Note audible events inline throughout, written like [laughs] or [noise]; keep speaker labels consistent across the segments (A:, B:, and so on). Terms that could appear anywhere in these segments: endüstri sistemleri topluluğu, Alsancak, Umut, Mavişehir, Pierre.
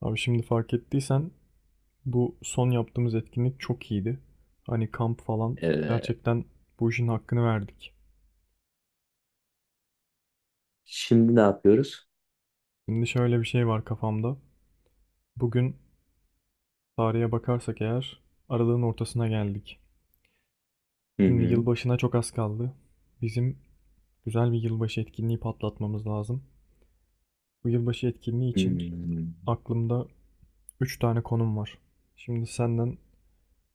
A: Abi şimdi fark ettiysen bu son yaptığımız etkinlik çok iyiydi. Hani kamp falan
B: Ee,
A: gerçekten bu işin hakkını verdik.
B: Şimdi ne yapıyoruz?
A: Şimdi şöyle bir şey var kafamda. Bugün tarihe bakarsak eğer aralığın ortasına geldik.
B: Hı
A: Şimdi
B: hı.
A: yılbaşına çok az kaldı. Bizim güzel bir yılbaşı etkinliği patlatmamız lazım. Bu yılbaşı etkinliği için
B: Hmm.
A: aklımda 3 tane konum var. Şimdi senden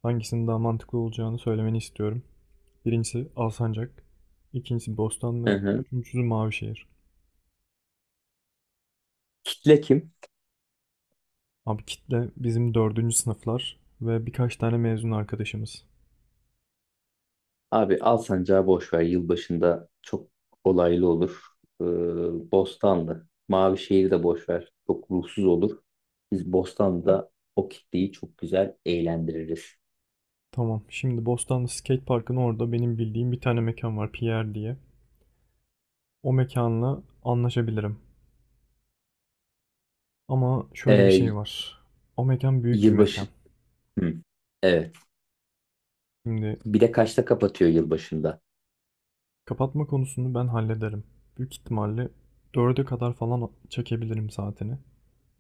A: hangisinin daha mantıklı olacağını söylemeni istiyorum. Birincisi Alsancak. İkincisi
B: Hı
A: Bostanlı.
B: hı.
A: Üçüncüsü Mavişehir.
B: Kitle kim?
A: Abi kitle bizim dördüncü sınıflar ve birkaç tane mezun arkadaşımız.
B: Abi Alsancak'ı boş ver. Yılbaşında çok olaylı olur. Ee, Bostanlı. Mavişehir'i de boş ver. Çok ruhsuz olur. Biz Bostanlı'da o kitleyi çok güzel eğlendiririz.
A: Tamam, şimdi Bostanlı Skate Park'ın orada benim bildiğim bir tane mekan var, Pierre diye. O mekanla anlaşabilirim. Ama şöyle bir şey
B: Ee,
A: var. O mekan büyük bir
B: Yılbaşı...
A: mekan.
B: Hı. Evet.
A: Şimdi
B: Bir de kaçta kapatıyor yılbaşında?
A: kapatma konusunu ben hallederim. Büyük ihtimalle 4'e kadar falan çekebilirim saatini.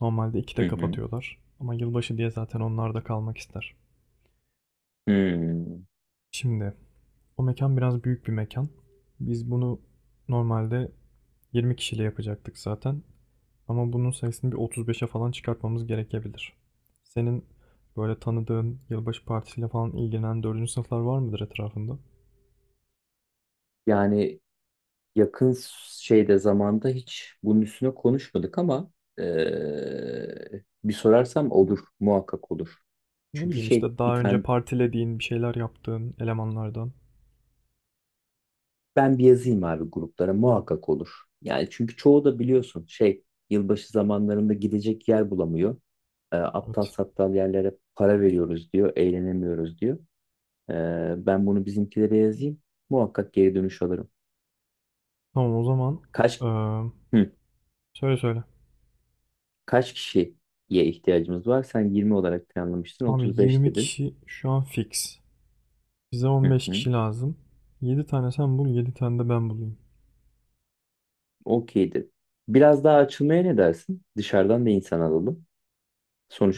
A: Normalde
B: Hı
A: 2'de
B: hı.
A: kapatıyorlar. Ama yılbaşı diye zaten onlar da kalmak ister.
B: Hmm.
A: Şimdi o mekan biraz büyük bir mekan. Biz bunu normalde 20 kişiyle yapacaktık zaten. Ama bunun sayısını bir 35'e falan çıkartmamız gerekebilir. Senin böyle tanıdığın yılbaşı partisiyle falan ilgilenen 4. sınıflar var mıdır etrafında?
B: Yani yakın şeyde zamanda hiç bunun üstüne konuşmadık ama bir sorarsam olur, muhakkak olur.
A: Ne
B: Çünkü
A: bileyim,
B: şey
A: işte
B: bir
A: daha önce
B: tane
A: partilediğin, bir şeyler yaptığın elemanlardan.
B: ben bir yazayım abi gruplara muhakkak olur. Yani çünkü çoğu da biliyorsun şey yılbaşı zamanlarında gidecek yer bulamıyor. Aptal
A: Evet.
B: saptal yerlere para veriyoruz diyor, eğlenemiyoruz diyor. Ben bunu bizimkilere yazayım. Muhakkak geri dönüş alırım.
A: Tamam, o zaman
B: Kaç
A: eee,
B: hı,
A: söyle söyle.
B: kaç kişiye ihtiyacımız var? Sen 20 olarak planlamıştın,
A: Abi
B: 35
A: 20
B: dedin.
A: kişi şu an fix. Bize
B: Hı
A: 15
B: hı.
A: kişi lazım. 7 tane sen bul, 7 tane de ben bulayım.
B: Okeydir. Biraz daha açılmaya ne dersin? Dışarıdan da insan alalım.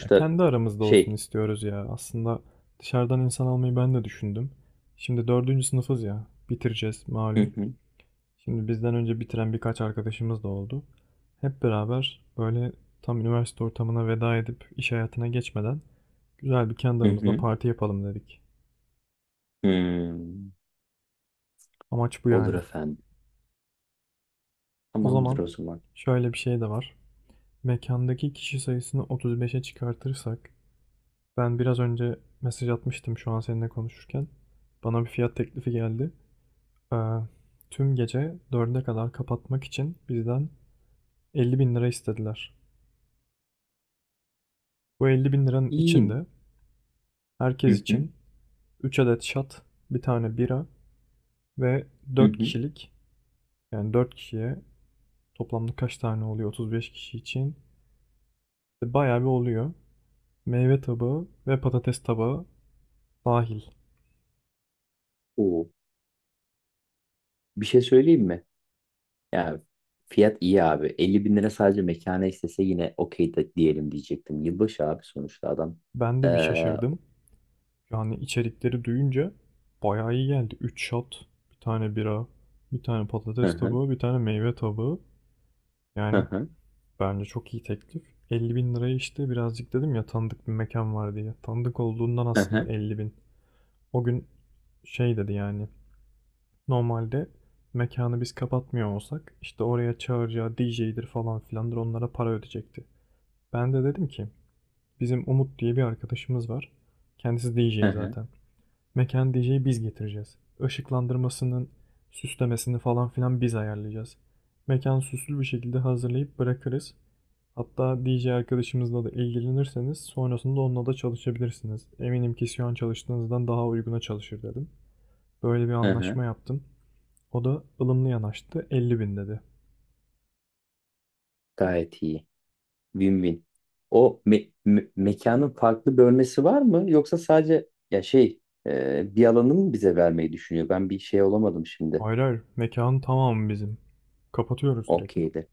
A: Ya kendi aramızda olsun
B: şey.
A: istiyoruz ya. Aslında dışarıdan insan almayı ben de düşündüm. Şimdi dördüncü sınıfız ya. Bitireceğiz
B: Hı
A: malum.
B: hı.
A: Şimdi bizden önce bitiren birkaç arkadaşımız da oldu. Hep beraber böyle tam üniversite ortamına veda edip iş hayatına geçmeden güzel bir kendi
B: Hı
A: aramızda
B: hı.
A: parti yapalım dedik.
B: Hmm.
A: Amaç bu
B: Olur
A: yani.
B: efendim.
A: O
B: Tamamdır
A: zaman
B: o zaman.
A: şöyle bir şey de var. Mekandaki kişi sayısını 35'e çıkartırsak, ben biraz önce mesaj atmıştım şu an seninle konuşurken. Bana bir fiyat teklifi geldi. Ee, tüm gece 4'e kadar kapatmak için bizden 50 bin lira istediler. Bu 50 bin liranın
B: İyi.
A: içinde herkes
B: Hı hı.
A: için 3 adet şat, bir tane bira ve
B: Hı
A: 4
B: hı.
A: kişilik, yani 4 kişiye toplamda kaç tane oluyor 35 kişi için. İşte bayağı bir oluyor. Meyve tabağı ve patates tabağı dahil.
B: Oo. Bir şey söyleyeyim mi? Ya fiyat iyi abi. 50.000 lira sadece mekana istese yine okey de diyelim diyecektim. Yılbaşı abi sonuçta adam.
A: Ben de bir
B: Hı
A: şaşırdım. Yani içerikleri duyunca bayağı iyi geldi. 3 şat, bir tane bira, bir tane patates
B: hı.
A: tabağı, bir tane meyve tabağı.
B: Hı
A: Yani.
B: hı.
A: Bence çok iyi teklif. 50 bin liraya, işte birazcık dedim ya, tanıdık bir mekan var diye. Tanıdık olduğundan
B: Hı
A: aslında
B: hı.
A: 50 bin. O gün şey dedi yani. Normalde mekanı biz kapatmıyor olsak işte oraya çağıracağı DJ'dir falan filandır, onlara para ödeyecekti. Ben de dedim ki bizim Umut diye bir arkadaşımız var. Kendisi
B: Hı
A: DJ
B: hı.
A: zaten. Mekan DJ'yi biz getireceğiz. Işıklandırmasının, süslemesini falan filan biz ayarlayacağız. Mekan süslü bir şekilde hazırlayıp bırakırız. Hatta DJ arkadaşımızla da ilgilenirseniz sonrasında onunla da çalışabilirsiniz. Eminim ki şu an çalıştığınızdan daha uyguna çalışır dedim. Böyle bir
B: Hı hı.
A: anlaşma yaptım. O da ılımlı yanaştı, 50 bin dedi.
B: Gayet iyi. Win-win. O mekanın farklı bölmesi var mı? Yoksa sadece ya şey bir alanı mı bize vermeyi düşünüyor? Ben bir şey olamadım şimdi.
A: Hayır hayır, mekanın tamamı bizim. Kapatıyoruz direkt.
B: Okeydir.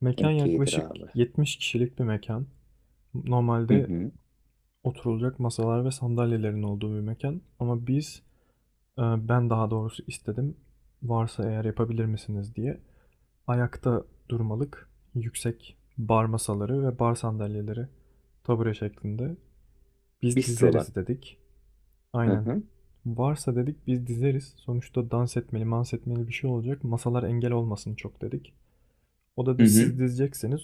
A: Mekan
B: Okeydir
A: yaklaşık
B: abi.
A: 70 kişilik bir mekan.
B: Hı
A: Normalde
B: hı.
A: oturulacak masalar ve sandalyelerin olduğu bir mekan. Ama e, ben daha doğrusu istedim. Varsa eğer yapabilir misiniz diye. Ayakta durmalık yüksek bar masaları ve bar sandalyeleri, tabure şeklinde. Biz
B: Bistrolar.
A: dizeriz dedik.
B: Hı
A: Aynen.
B: hı.
A: Varsa dedik biz dizeriz. Sonuçta dans etmeli, mans etmeli bir şey olacak. Masalar engel olmasın çok dedik. O
B: Hı
A: da
B: hı.
A: siz dizeceksiniz.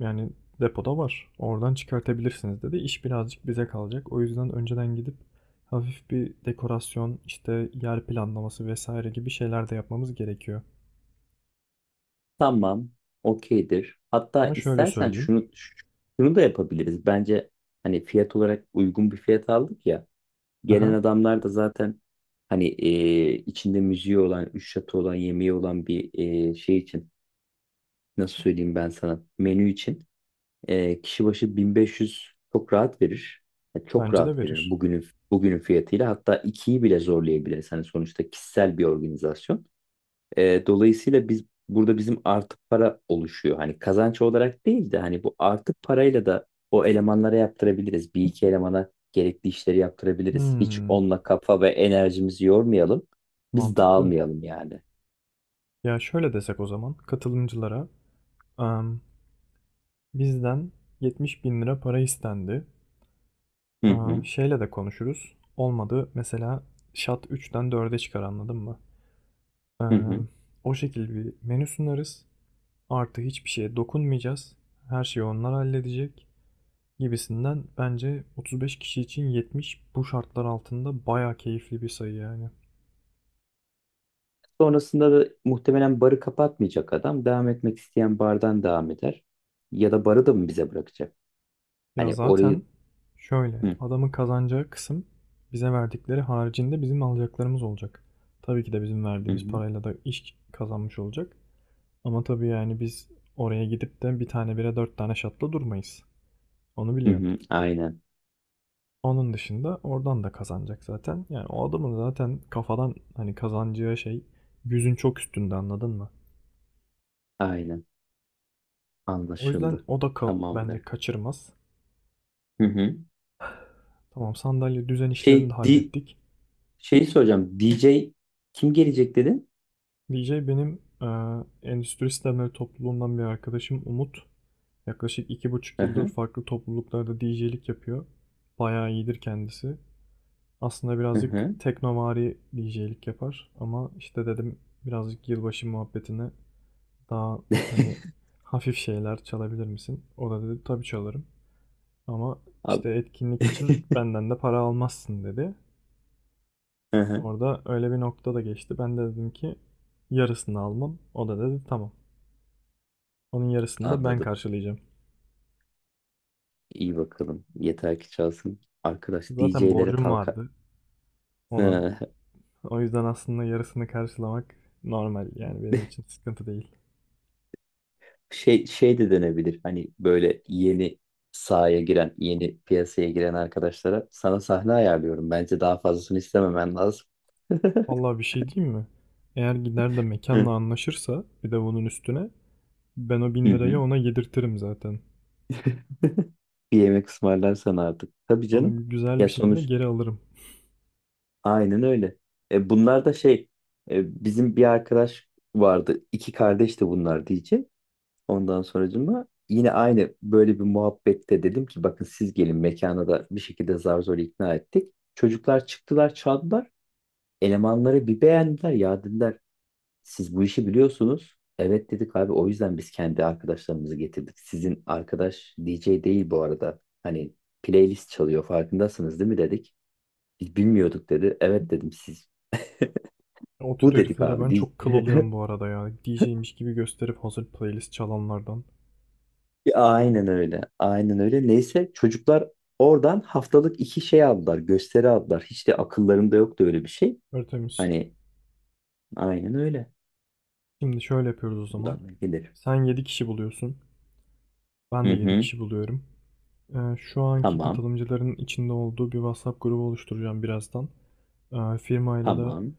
A: Yani depoda var. Oradan çıkartabilirsiniz dedi. İş birazcık bize kalacak. O yüzden önceden gidip hafif bir dekorasyon, işte yer planlaması vesaire gibi şeyler de yapmamız gerekiyor.
B: Tamam. Okeydir. Hatta
A: Ama şöyle
B: istersen
A: söyleyeyim.
B: şunu şunu da yapabiliriz. Bence hani fiyat olarak uygun bir fiyat aldık ya. Gelen
A: Aha,
B: adamlar da zaten hani içinde müziği olan, üç şatı olan, yemeği olan bir şey için nasıl söyleyeyim ben sana menü için kişi başı 1500 çok rahat verir. Yani çok
A: bence de
B: rahat verir
A: verir.
B: bugünün fiyatıyla hatta ikiyi bile zorlayabilir. Hani sonuçta kişisel bir organizasyon. Dolayısıyla biz burada bizim artı para oluşuyor. Hani kazanç olarak değil de hani bu artı parayla da o elemanlara yaptırabiliriz. Bir iki elemana gerekli işleri yaptırabiliriz. Hiç
A: Hmm,
B: onunla kafa ve enerjimizi yormayalım. Biz
A: mantıklı.
B: dağılmayalım yani.
A: Ya şöyle desek o zaman katılımcılara, em, bizden 70 bin lira para istendi.
B: Hı
A: Aa,
B: hı.
A: şeyle de konuşuruz. Olmadı mesela şat üç'ten dörde çıkar, anladın mı?
B: Hı hı.
A: Em, o şekilde bir menü sunarız. Artı hiçbir şeye dokunmayacağız. Her şeyi onlar halledecek gibisinden, bence 35 kişi için 70 bu şartlar altında bayağı keyifli bir sayı yani.
B: Sonrasında da muhtemelen barı kapatmayacak adam. Devam etmek isteyen bardan devam eder. Ya da barı da mı bize bırakacak?
A: Ya
B: Hani
A: zaten
B: orayı...
A: şöyle,
B: Hı,
A: adamın kazanacağı kısım bize verdikleri haricinde bizim alacaklarımız olacak. Tabii ki de bizim
B: hı,
A: verdiğimiz
B: hı,
A: parayla da iş kazanmış olacak. Ama tabii yani biz oraya gidip de bir tane bire dört tane şatla durmayız. Onu
B: hı,
A: biliyorsun.
B: hı. Aynen,
A: Onun dışında oradan da kazanacak zaten. Yani o adamın zaten kafadan hani kazanacağı şey yüzün çok üstünde, anladın mı?
B: aynen.
A: O yüzden
B: Anlaşıldı.
A: o da bence
B: Tamamdır.
A: kaçırmaz.
B: Hı hı.
A: Tamam, sandalye düzen işlerini
B: Şey,
A: de hallettik.
B: şeyi soracağım. DJ kim gelecek dedin?
A: DJ benim endüstri sistemleri topluluğundan bir arkadaşım Umut. Yaklaşık iki buçuk
B: Hı
A: yıldır
B: hı,
A: farklı topluluklarda DJ'lik yapıyor. Bayağı iyidir kendisi. Aslında
B: hı
A: birazcık
B: hı.
A: teknovari DJ'lik yapar ama işte dedim birazcık yılbaşı muhabbetine daha hani
B: [laughs]
A: hafif şeyler çalabilir misin? O da dedi tabii çalarım. Ama
B: Abi,
A: işte etkinlik için
B: [laughs]
A: benden de para almazsın dedi.
B: hı hı.
A: Orada öyle bir nokta da geçti. Ben de dedim ki yarısını almam. O da dedi tamam. Onun yarısını da ben
B: Anladım.
A: karşılayacağım.
B: İyi bakalım. Yeter ki çalsın. Arkadaş
A: Zaten
B: DJ'lere
A: borcum
B: talka...
A: vardı ona.
B: [laughs]
A: O yüzden aslında yarısını karşılamak normal, yani benim için sıkıntı değil.
B: Şey, şey de denebilir. Hani böyle yeni sahaya giren, yeni piyasaya giren arkadaşlara sana sahne ayarlıyorum. Bence daha fazlasını istememen lazım. [laughs]
A: Vallahi bir şey diyeyim mi? Eğer gider de mekanla
B: Hı.
A: anlaşırsa bir de bunun üstüne ben o
B: Hı
A: 1.000 lirayı
B: hı.
A: ona yedirtirim zaten.
B: Bir yemek ısmarlar sana artık. Tabii canım.
A: Onu güzel
B: Ya
A: bir şekilde
B: sonuç
A: geri alırım.
B: aynen öyle. Bunlar da şey bizim bir arkadaş vardı. İki kardeş de bunlar diyecek. Ondan sonracığıma yine aynı böyle bir muhabbette dedim ki bakın siz gelin mekana da bir şekilde zar zor ikna ettik. Çocuklar çıktılar çaldılar. Elemanları bir beğendiler ya dediler siz bu işi biliyorsunuz. Evet dedik abi o yüzden biz kendi arkadaşlarımızı getirdik. Sizin arkadaş DJ değil bu arada. Hani playlist çalıyor farkındasınız değil mi dedik. Biz bilmiyorduk dedi. Evet dedim siz
A: O tür
B: bu dedik
A: heriflere
B: abi
A: ben
B: değil.
A: çok kıl oluyorum
B: [laughs]
A: bu arada ya. DJ'miş gibi gösterip hazır playlist çalanlardan.
B: Ya, aynen öyle. Aynen öyle. Neyse çocuklar oradan haftalık iki şey aldılar. Gösteri aldılar. Hiç de akıllarında yoktu öyle bir şey.
A: Örtemiz.
B: Hani aynen öyle.
A: Şimdi şöyle yapıyoruz o zaman.
B: Buradan da gelir.
A: Sen 7 kişi buluyorsun. Ben
B: Hı
A: de 7
B: hı.
A: kişi buluyorum. Şu anki
B: Tamam.
A: katılımcıların içinde olduğu bir WhatsApp grubu oluşturacağım birazdan. Firmayla da
B: Tamam.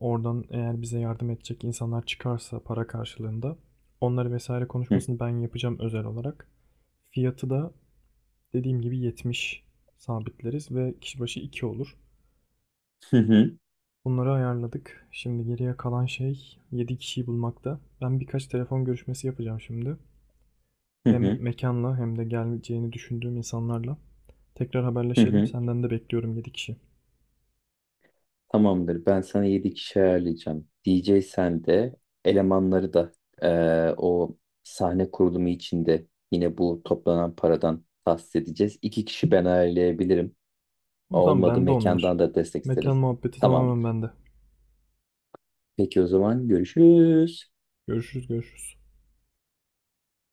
A: oradan eğer bize yardım edecek insanlar çıkarsa para karşılığında onları vesaire
B: Hı
A: konuşmasını ben yapacağım özel olarak. Fiyatı da, dediğim gibi, 70 sabitleriz ve kişi başı 2 olur.
B: hı. Hı.
A: Bunları ayarladık. Şimdi geriye kalan şey 7 kişiyi bulmakta. Ben birkaç telefon görüşmesi yapacağım şimdi.
B: Hı
A: Hem
B: hı,
A: mekanla hem de geleceğini düşündüğüm insanlarla. Tekrar
B: hı
A: haberleşelim.
B: hı.
A: Senden de bekliyorum 7 kişi.
B: Tamamdır. Ben sana 7 kişi ayarlayacağım. DJ sen de elemanları da o sahne kurulumu içinde yine bu toplanan paradan tahsis edeceğiz. 2 kişi ben ayarlayabilirim.
A: O zaman
B: Olmadı
A: bende onlar.
B: mekandan da destek
A: Mekan
B: isteriz.
A: muhabbeti tamamen
B: Tamamdır.
A: bende.
B: Peki o zaman görüşürüz.
A: Görüşürüz görüşürüz.